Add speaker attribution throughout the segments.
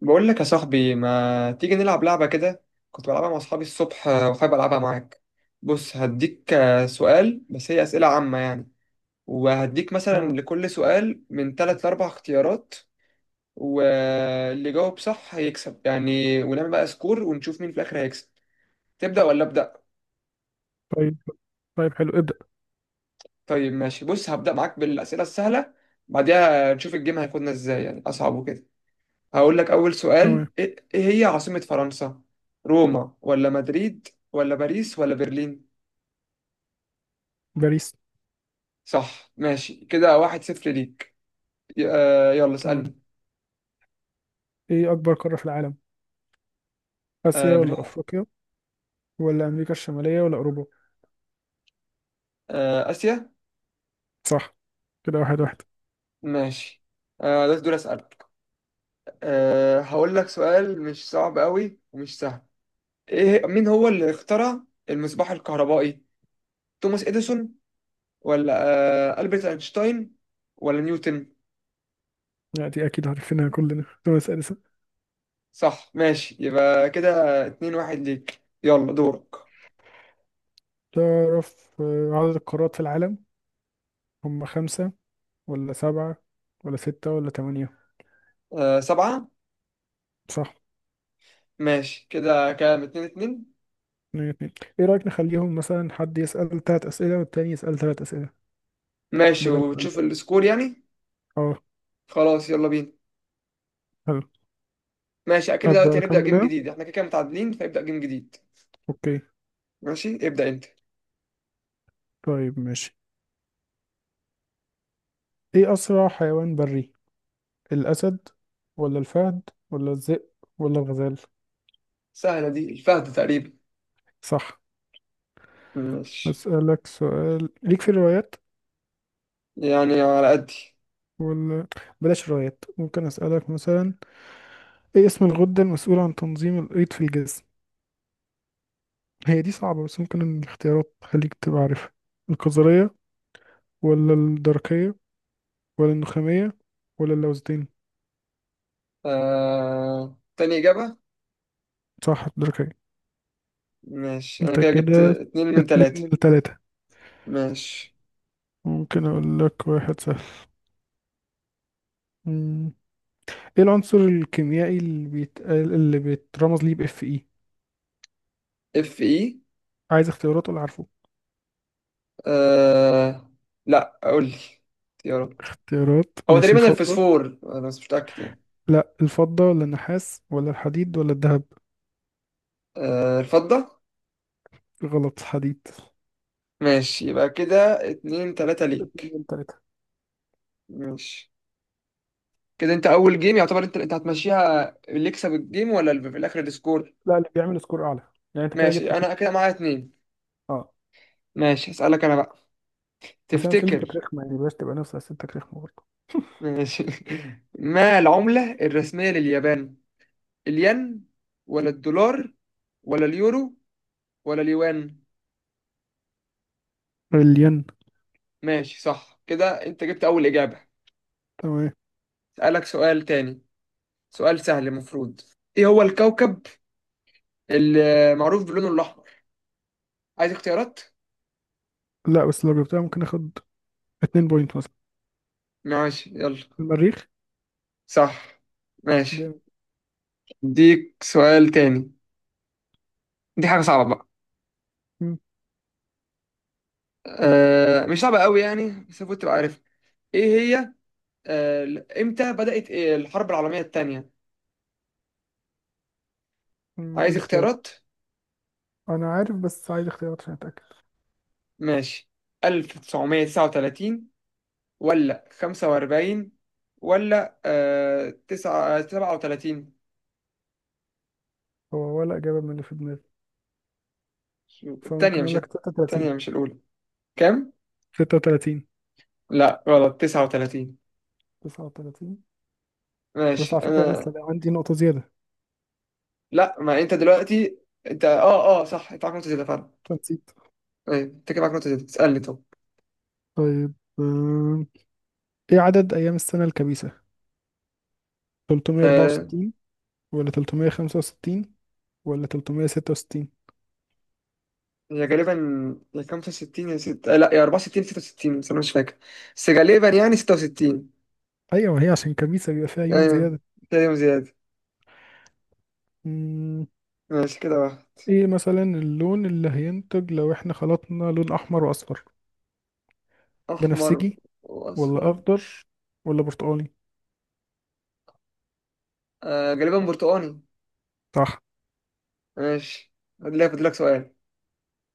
Speaker 1: بقول لك يا صاحبي، ما تيجي نلعب لعبة كده؟ كنت بلعبها مع أصحابي الصبح، وحابب ألعبها معاك. بص، هديك سؤال، بس هي أسئلة عامة يعني. وهديك مثلا
Speaker 2: اه.
Speaker 1: لكل سؤال من تلات لأربع اختيارات، واللي جاوب صح هيكسب يعني، ونعمل بقى سكور ونشوف مين في الآخر هيكسب. تبدأ ولا أبدأ؟
Speaker 2: طيب، طيب، حلو ابدأ.
Speaker 1: طيب ماشي، بص هبدأ معاك بالأسئلة السهلة، بعدها نشوف الجيم هياخدنا إزاي، يعني أصعب وكده. هقول لك أول
Speaker 2: تمام.
Speaker 1: سؤال: إيه هي عاصمة فرنسا؟ روما، ولا مدريد، ولا باريس، ولا برلين؟
Speaker 2: باريس.
Speaker 1: صح، ماشي، كده واحد صفر ليك. يلا
Speaker 2: تمام،
Speaker 1: اسألني.
Speaker 2: ايه اكبر قارة في العالم؟ اسيا
Speaker 1: آه
Speaker 2: ولا
Speaker 1: بنح...
Speaker 2: افريقيا ولا امريكا الشمالية ولا اوروبا؟
Speaker 1: آسيا.
Speaker 2: صح، كده واحد واحد.
Speaker 1: ماشي. ده دول أسألك. هقول لك سؤال مش صعب قوي ومش سهل. إيه، مين هو اللي اخترع المصباح الكهربائي؟ توماس إديسون، ولا ألبرت أينشتاين، ولا نيوتن؟
Speaker 2: يعني دي اكيد عارفينها كلنا طب اسأل اسأل.
Speaker 1: صح، ماشي، يبقى كده اتنين واحد ليك. يلا دورك.
Speaker 2: تعرف عدد القارات في العالم؟ هم خمسة ولا سبعة ولا ستة ولا تمانية؟
Speaker 1: سبعة.
Speaker 2: صح.
Speaker 1: ماشي، كده كام؟ اتنين اتنين.
Speaker 2: اتنين اتنين. ايه رأيك نخليهم مثلا حد يسأل تلات اسئلة والتاني يسأل تلات اسئلة
Speaker 1: ماشي،
Speaker 2: بدل سؤال
Speaker 1: وتشوف
Speaker 2: بقى.
Speaker 1: السكور يعني.
Speaker 2: اه.
Speaker 1: خلاص، يلا بينا.
Speaker 2: حلو.
Speaker 1: ماشي، أكيد
Speaker 2: ابدأ
Speaker 1: دلوقتي هنبدأ
Speaker 2: اكمل
Speaker 1: جيم
Speaker 2: انا.
Speaker 1: جديد، احنا كده كده متعادلين، فيبدأ جيم جديد.
Speaker 2: اوكي.
Speaker 1: ماشي، ابدأ أنت.
Speaker 2: طيب ماشي. ايه اسرع حيوان بري؟ الأسد ولا الفهد ولا الذئب ولا الغزال؟
Speaker 1: سهلة دي، الفهد تقريبا.
Speaker 2: صح.
Speaker 1: ماشي.
Speaker 2: أسألك سؤال ليك في الروايات؟
Speaker 1: يعني على قدي.
Speaker 2: ولا بلاش روايات. ممكن أسألك مثلا، إيه اسم الغدة المسؤولة عن تنظيم الأيض في الجسم؟ هي دي صعبة بس ممكن الاختيارات تخليك تبقى عارفها. القذرية ولا الدرقية ولا النخامية ولا اللوزتين؟
Speaker 1: تاني إجابة.
Speaker 2: صح الدرقية.
Speaker 1: ماشي، أنا
Speaker 2: أنت
Speaker 1: كده جبت
Speaker 2: كده
Speaker 1: اتنين من
Speaker 2: اتنين من
Speaker 1: تلاتة.
Speaker 2: تلاتة.
Speaker 1: ماشي.
Speaker 2: ممكن أقول لك واحد سهل. مم. ايه العنصر الكيميائي اللي بيتقال اللي بيترمز ليه باف اي؟
Speaker 1: اف اي.
Speaker 2: عايز اختيارات ولا عارفه؟
Speaker 1: آه... لا، قول لي اختيارات.
Speaker 2: اختيارات
Speaker 1: هو
Speaker 2: ماشي.
Speaker 1: تقريبا
Speaker 2: الفضة؟
Speaker 1: الفسفور، أنا بس مش متأكد يعني.
Speaker 2: لا الفضة ولا النحاس ولا الحديد ولا الذهب؟
Speaker 1: الفضة.
Speaker 2: غلط. حديد.
Speaker 1: ماشي، يبقى كده اتنين تلاتة
Speaker 2: اتنين
Speaker 1: ليك.
Speaker 2: من تلاتة.
Speaker 1: ماشي، كده انت اول جيم يعتبر انت هتمشيها، اللي يكسب الجيم ولا اللي في الاخر السكور؟
Speaker 2: لا اللي بيعمل سكور أعلى. يعني أنت كده جبت
Speaker 1: ماشي،
Speaker 2: اتنين.
Speaker 1: انا كده معايا اتنين.
Speaker 2: أه.
Speaker 1: ماشي، هسألك انا بقى.
Speaker 2: بس أنا أسئلتي كانت
Speaker 1: تفتكر؟
Speaker 2: رخمة يعني بلاش تبقى نفس أسئلتك رخمة برضه.
Speaker 1: ماشي. ما العملة الرسمية لليابان؟ الين، ولا الدولار، ولا اليورو، ولا اليوان؟
Speaker 2: الين.
Speaker 1: ماشي، صح، كده انت جبت اول اجابة.
Speaker 2: تمام.
Speaker 1: اسألك سؤال تاني، سؤال سهل المفروض. ايه هو الكوكب اللي معروف بلونه الاحمر؟ عايز اختيارات؟
Speaker 2: لا بس لو جبتها ممكن اخد 2 بوينت مثلا.
Speaker 1: ماشي، يلا.
Speaker 2: المريخ.
Speaker 1: صح. ماشي،
Speaker 2: جامد.
Speaker 1: اديك سؤال تاني، دي حاجة صعبة بقى.
Speaker 2: مم.
Speaker 1: مش صعبة قوي يعني، بس المفروض تبقى عارف. ايه هي؟ امتى بدأت، إيه، الحرب العالمية التانية؟
Speaker 2: قول
Speaker 1: عايز
Speaker 2: لي اختيار.
Speaker 1: اختيارات؟
Speaker 2: أنا عارف بس عايز اختيارات عشان أتأكد.
Speaker 1: ماشي، 1939، ولا 45، ولا 9 37؟
Speaker 2: هو ولا إجابة من اللي في دماغي، فممكن
Speaker 1: التانية مش
Speaker 2: أقول لك 36.
Speaker 1: التانية مش الأولى. كام؟
Speaker 2: 36.
Speaker 1: لا، غلط، 39.
Speaker 2: 39. بس
Speaker 1: ماشي.
Speaker 2: على فكرة أنا لسه
Speaker 1: أنا،
Speaker 2: ده عندي نقطة زيادة.
Speaker 1: لا، ما أنت دلوقتي، أنت أه أه صح، أنت عارف، نقطة زيادة.
Speaker 2: نسيت.
Speaker 1: أيوة، انت كده معاك نقطة، تسألني. طب،
Speaker 2: طيب. آم، إيه عدد أيام السنة الكبيسة؟
Speaker 1: آه
Speaker 2: 364 ولا 365 ولا 366؟
Speaker 1: هي غالبا يا 65 يا 6، لا، يا 64 66، بس انا مش فاكر، بس غالبا يعني 66.
Speaker 2: أيوة هي عشان كبيسة بيبقى فيها يوم
Speaker 1: ايوه،
Speaker 2: زيادة.
Speaker 1: كده يوم زيادة.
Speaker 2: مم.
Speaker 1: ماشي، كده واحد.
Speaker 2: إيه مثلا اللون اللي هينتج لو إحنا خلطنا لون أحمر وأصفر؟
Speaker 1: احمر
Speaker 2: بنفسجي ولا
Speaker 1: واصفر.
Speaker 2: أخضر ولا برتقالي؟
Speaker 1: غالبا برتقاني.
Speaker 2: صح.
Speaker 1: ماشي، هدي فاضلك سؤال.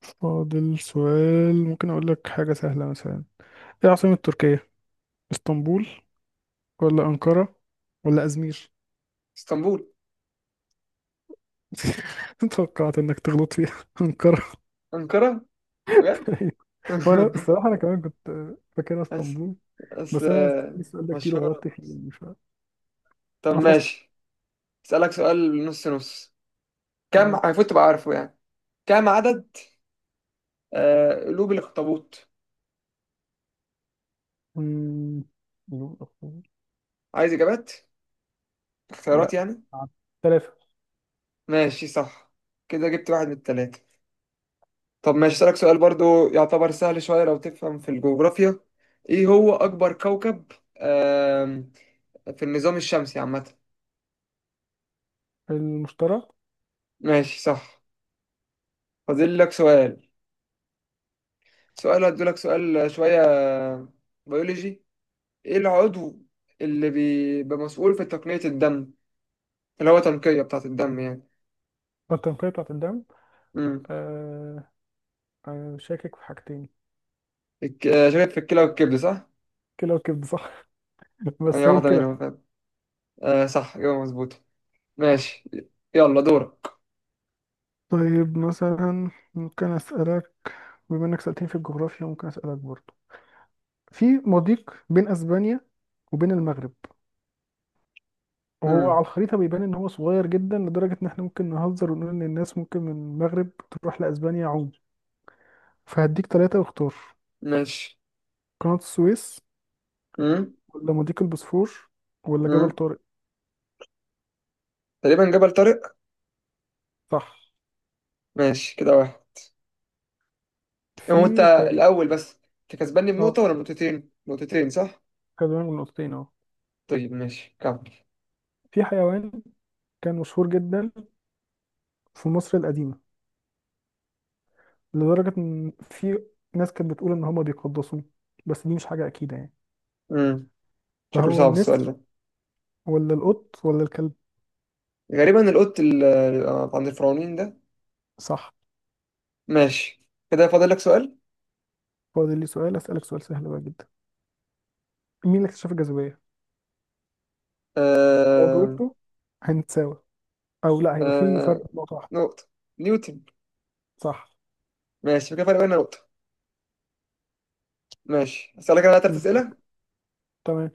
Speaker 2: فاضل سؤال. ممكن أقول لك حاجة سهلة مثلا. إيه عاصمة تركيا؟ اسطنبول ولا أنقرة ولا أزمير؟
Speaker 1: اسطنبول.
Speaker 2: توقعت انك تغلط فيها انقرة.
Speaker 1: انقرة؟ بجد!
Speaker 2: وانا الصراحة انا كمان كنت فاكرها
Speaker 1: بس
Speaker 2: اسطنبول.
Speaker 1: بس
Speaker 2: بس انا سألت
Speaker 1: آه،
Speaker 2: السؤال ده كتير
Speaker 1: مشهورة.
Speaker 2: وغلطت فيه يعني مش عارف.
Speaker 1: طب
Speaker 2: حفظته.
Speaker 1: ماشي، اسألك سؤال نص نص، كم
Speaker 2: تمام.
Speaker 1: المفروض تبقى عارفه يعني. كم عدد قلوب الاخطبوط؟
Speaker 2: أمم، يوم الأخوة.
Speaker 1: عايز اجابات، اختيارات
Speaker 2: لا.
Speaker 1: يعني؟
Speaker 2: ثلاثة.
Speaker 1: ماشي، صح. كده جبت واحد من التلاتة. طب ماشي، أسألك سؤال برضو يعتبر سهل شوية لو تفهم في الجغرافيا. إيه هو أكبر كوكب آم، في النظام الشمسي عامة؟
Speaker 2: المشترى.
Speaker 1: ماشي، صح. فاضل لك سؤال. سؤال، هديلك سؤال شوية بيولوجي. إيه العضو اللي بيبقى مسؤول في تقنية الدم، اللي هو تنقية بتاعة الدم يعني؟
Speaker 2: التنقية بتاعت الدم.
Speaker 1: امم
Speaker 2: آه... شاكك في حاجتين.
Speaker 1: شاكك في الكلى والكبد، صح؟
Speaker 2: كلى وكبد صح
Speaker 1: هي
Speaker 2: بس هي
Speaker 1: واحدة
Speaker 2: الكلى
Speaker 1: منهم،
Speaker 2: صح.
Speaker 1: فاهم؟ آه، صح، إجابة مظبوطة.
Speaker 2: صح.
Speaker 1: ماشي، يلا دورك.
Speaker 2: طيب مثلا ممكن أسألك، بما إنك سألتني في الجغرافيا ممكن أسألك برضو، في مضيق بين أسبانيا وبين المغرب، وهو على
Speaker 1: امم.
Speaker 2: الخريطة بيبان إن هو صغير جدا لدرجة إن إحنا ممكن نهزر ونقول إن الناس ممكن من المغرب تروح لأسبانيا عوم. فهديك تلاتة واختار.
Speaker 1: ماشي.
Speaker 2: قناة السويس
Speaker 1: امم.
Speaker 2: ولا مضيق البوسفور ولا جبل
Speaker 1: امم
Speaker 2: طارق؟
Speaker 1: تقريبا جبل طارق.
Speaker 2: صح.
Speaker 1: ماشي، كده واحد. هو انت
Speaker 2: في حيوان.
Speaker 1: الاول بس. انت كسباني
Speaker 2: اه.
Speaker 1: بنقطه ولا نقطتين، نقطتين صح؟
Speaker 2: كدوان من نقطتين اه.
Speaker 1: طيب ماشي كمل.
Speaker 2: في حيوان كان مشهور جدا في مصر القديمة لدرجة إن في ناس كانت بتقول إن هما بيقدسوه، بس دي مش حاجة أكيدة يعني.
Speaker 1: امم شكله
Speaker 2: فهو
Speaker 1: صعب السؤال
Speaker 2: النسر
Speaker 1: ده.
Speaker 2: ولا القط ولا الكلب؟
Speaker 1: غالبا القط اللي عند الفرعونين ده.
Speaker 2: صح.
Speaker 1: ماشي، كده فاضل لك سؤال.
Speaker 2: فاضل لي سؤال. أسألك سؤال سهل بقى جدا. مين اللي اكتشف الجاذبية؟ لو
Speaker 1: آه...
Speaker 2: جاوبته هنتساوي او لا هيبقى في فرق
Speaker 1: آه...
Speaker 2: نقطة واحدة.
Speaker 1: نقطه. نيوتن.
Speaker 2: صح.
Speaker 1: ماشي، كده فرق بيننا نقطه. ماشي، هسألك انا ثلاث
Speaker 2: دورك.
Speaker 1: اسئله.
Speaker 2: تمام.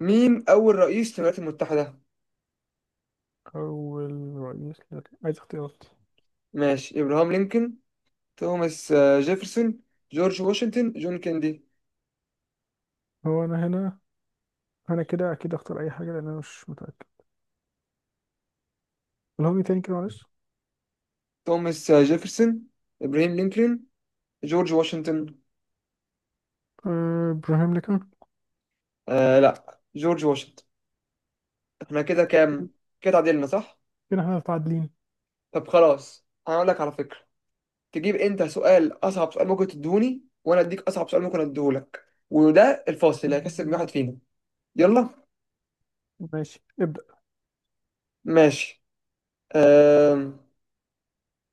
Speaker 1: مين اول رئيس للولايات المتحده؟
Speaker 2: اول رئيس عايز اختيارات.
Speaker 1: ماشي: ابراهام لينكولن، توماس جيفرسون، جورج واشنطن، جون كيندي.
Speaker 2: هو انا هنا، انا كده اكيد اختار اي حاجة لان انا مش متأكد. الهوجي تاني كده معلش.
Speaker 1: توماس جيفرسون، إبراهيم لينكولن، جورج واشنطن.
Speaker 2: ابراهيم لينكولن.
Speaker 1: لا، جورج واشنطن. احنا كده كام؟ كده تعادلنا، صح.
Speaker 2: كده احنا متعادلين.
Speaker 1: طب خلاص، انا اقول لك على فكرة، تجيب انت سؤال، اصعب سؤال ممكن تديهوني، وانا اديك اصعب سؤال ممكن اديهولك، وده الفاصل اللي هيكسب
Speaker 2: مم،
Speaker 1: واحد فينا. يلا.
Speaker 2: ماشي ابدأ.
Speaker 1: ماشي. أم...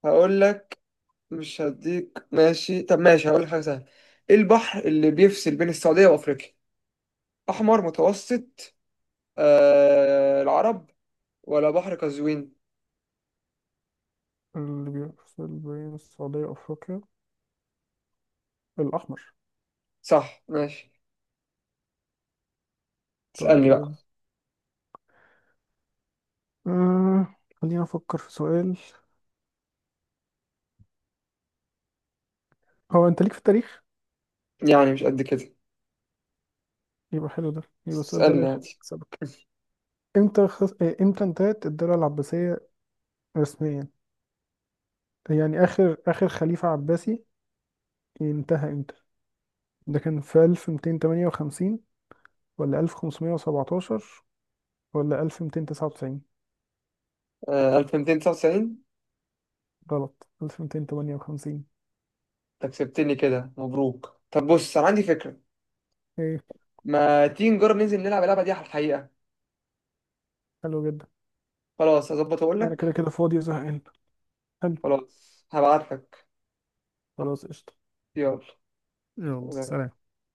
Speaker 1: هقول لك، مش هديك. ماشي، طب ماشي، هقول لك حاجة سهلة. ايه البحر اللي بيفصل بين السعودية وافريقيا؟ احمر، متوسط، العرب، ولا بحر قزوين؟
Speaker 2: اللي بيفصل بين السعودية وأفريقيا الأحمر.
Speaker 1: صح، ماشي، تسألني بقى.
Speaker 2: طيب. خلينا أفكر في سؤال. هو أنت ليك في التاريخ؟
Speaker 1: يعني مش قد كده،
Speaker 2: يبقى حلو ده، يبقى السؤال ده لا
Speaker 1: تسألني
Speaker 2: يخليك.
Speaker 1: عادي.
Speaker 2: امتى خص... آه، امتى انتهت الدولة العباسية رسميا؟ يعني آخر آخر خليفة عباسي انتهى امتى؟ ده كان في 1258 ولا 1517 ولا 1299؟
Speaker 1: 1299.
Speaker 2: غلط 1258.
Speaker 1: انت كسبتني، كده مبروك. طب بص، انا عندي فكرة،
Speaker 2: ايه.
Speaker 1: ما تيجي نجرب ننزل نلعب اللعبة دي على الحقيقة؟
Speaker 2: حلو جدا.
Speaker 1: خلاص، هظبط واقول
Speaker 2: انا كده
Speaker 1: لك.
Speaker 2: كده فاضي وزهقان. حلو.
Speaker 1: خلاص، هبعت لك.
Speaker 2: خلاص قشطة.
Speaker 1: يلا.
Speaker 2: يلا سلام.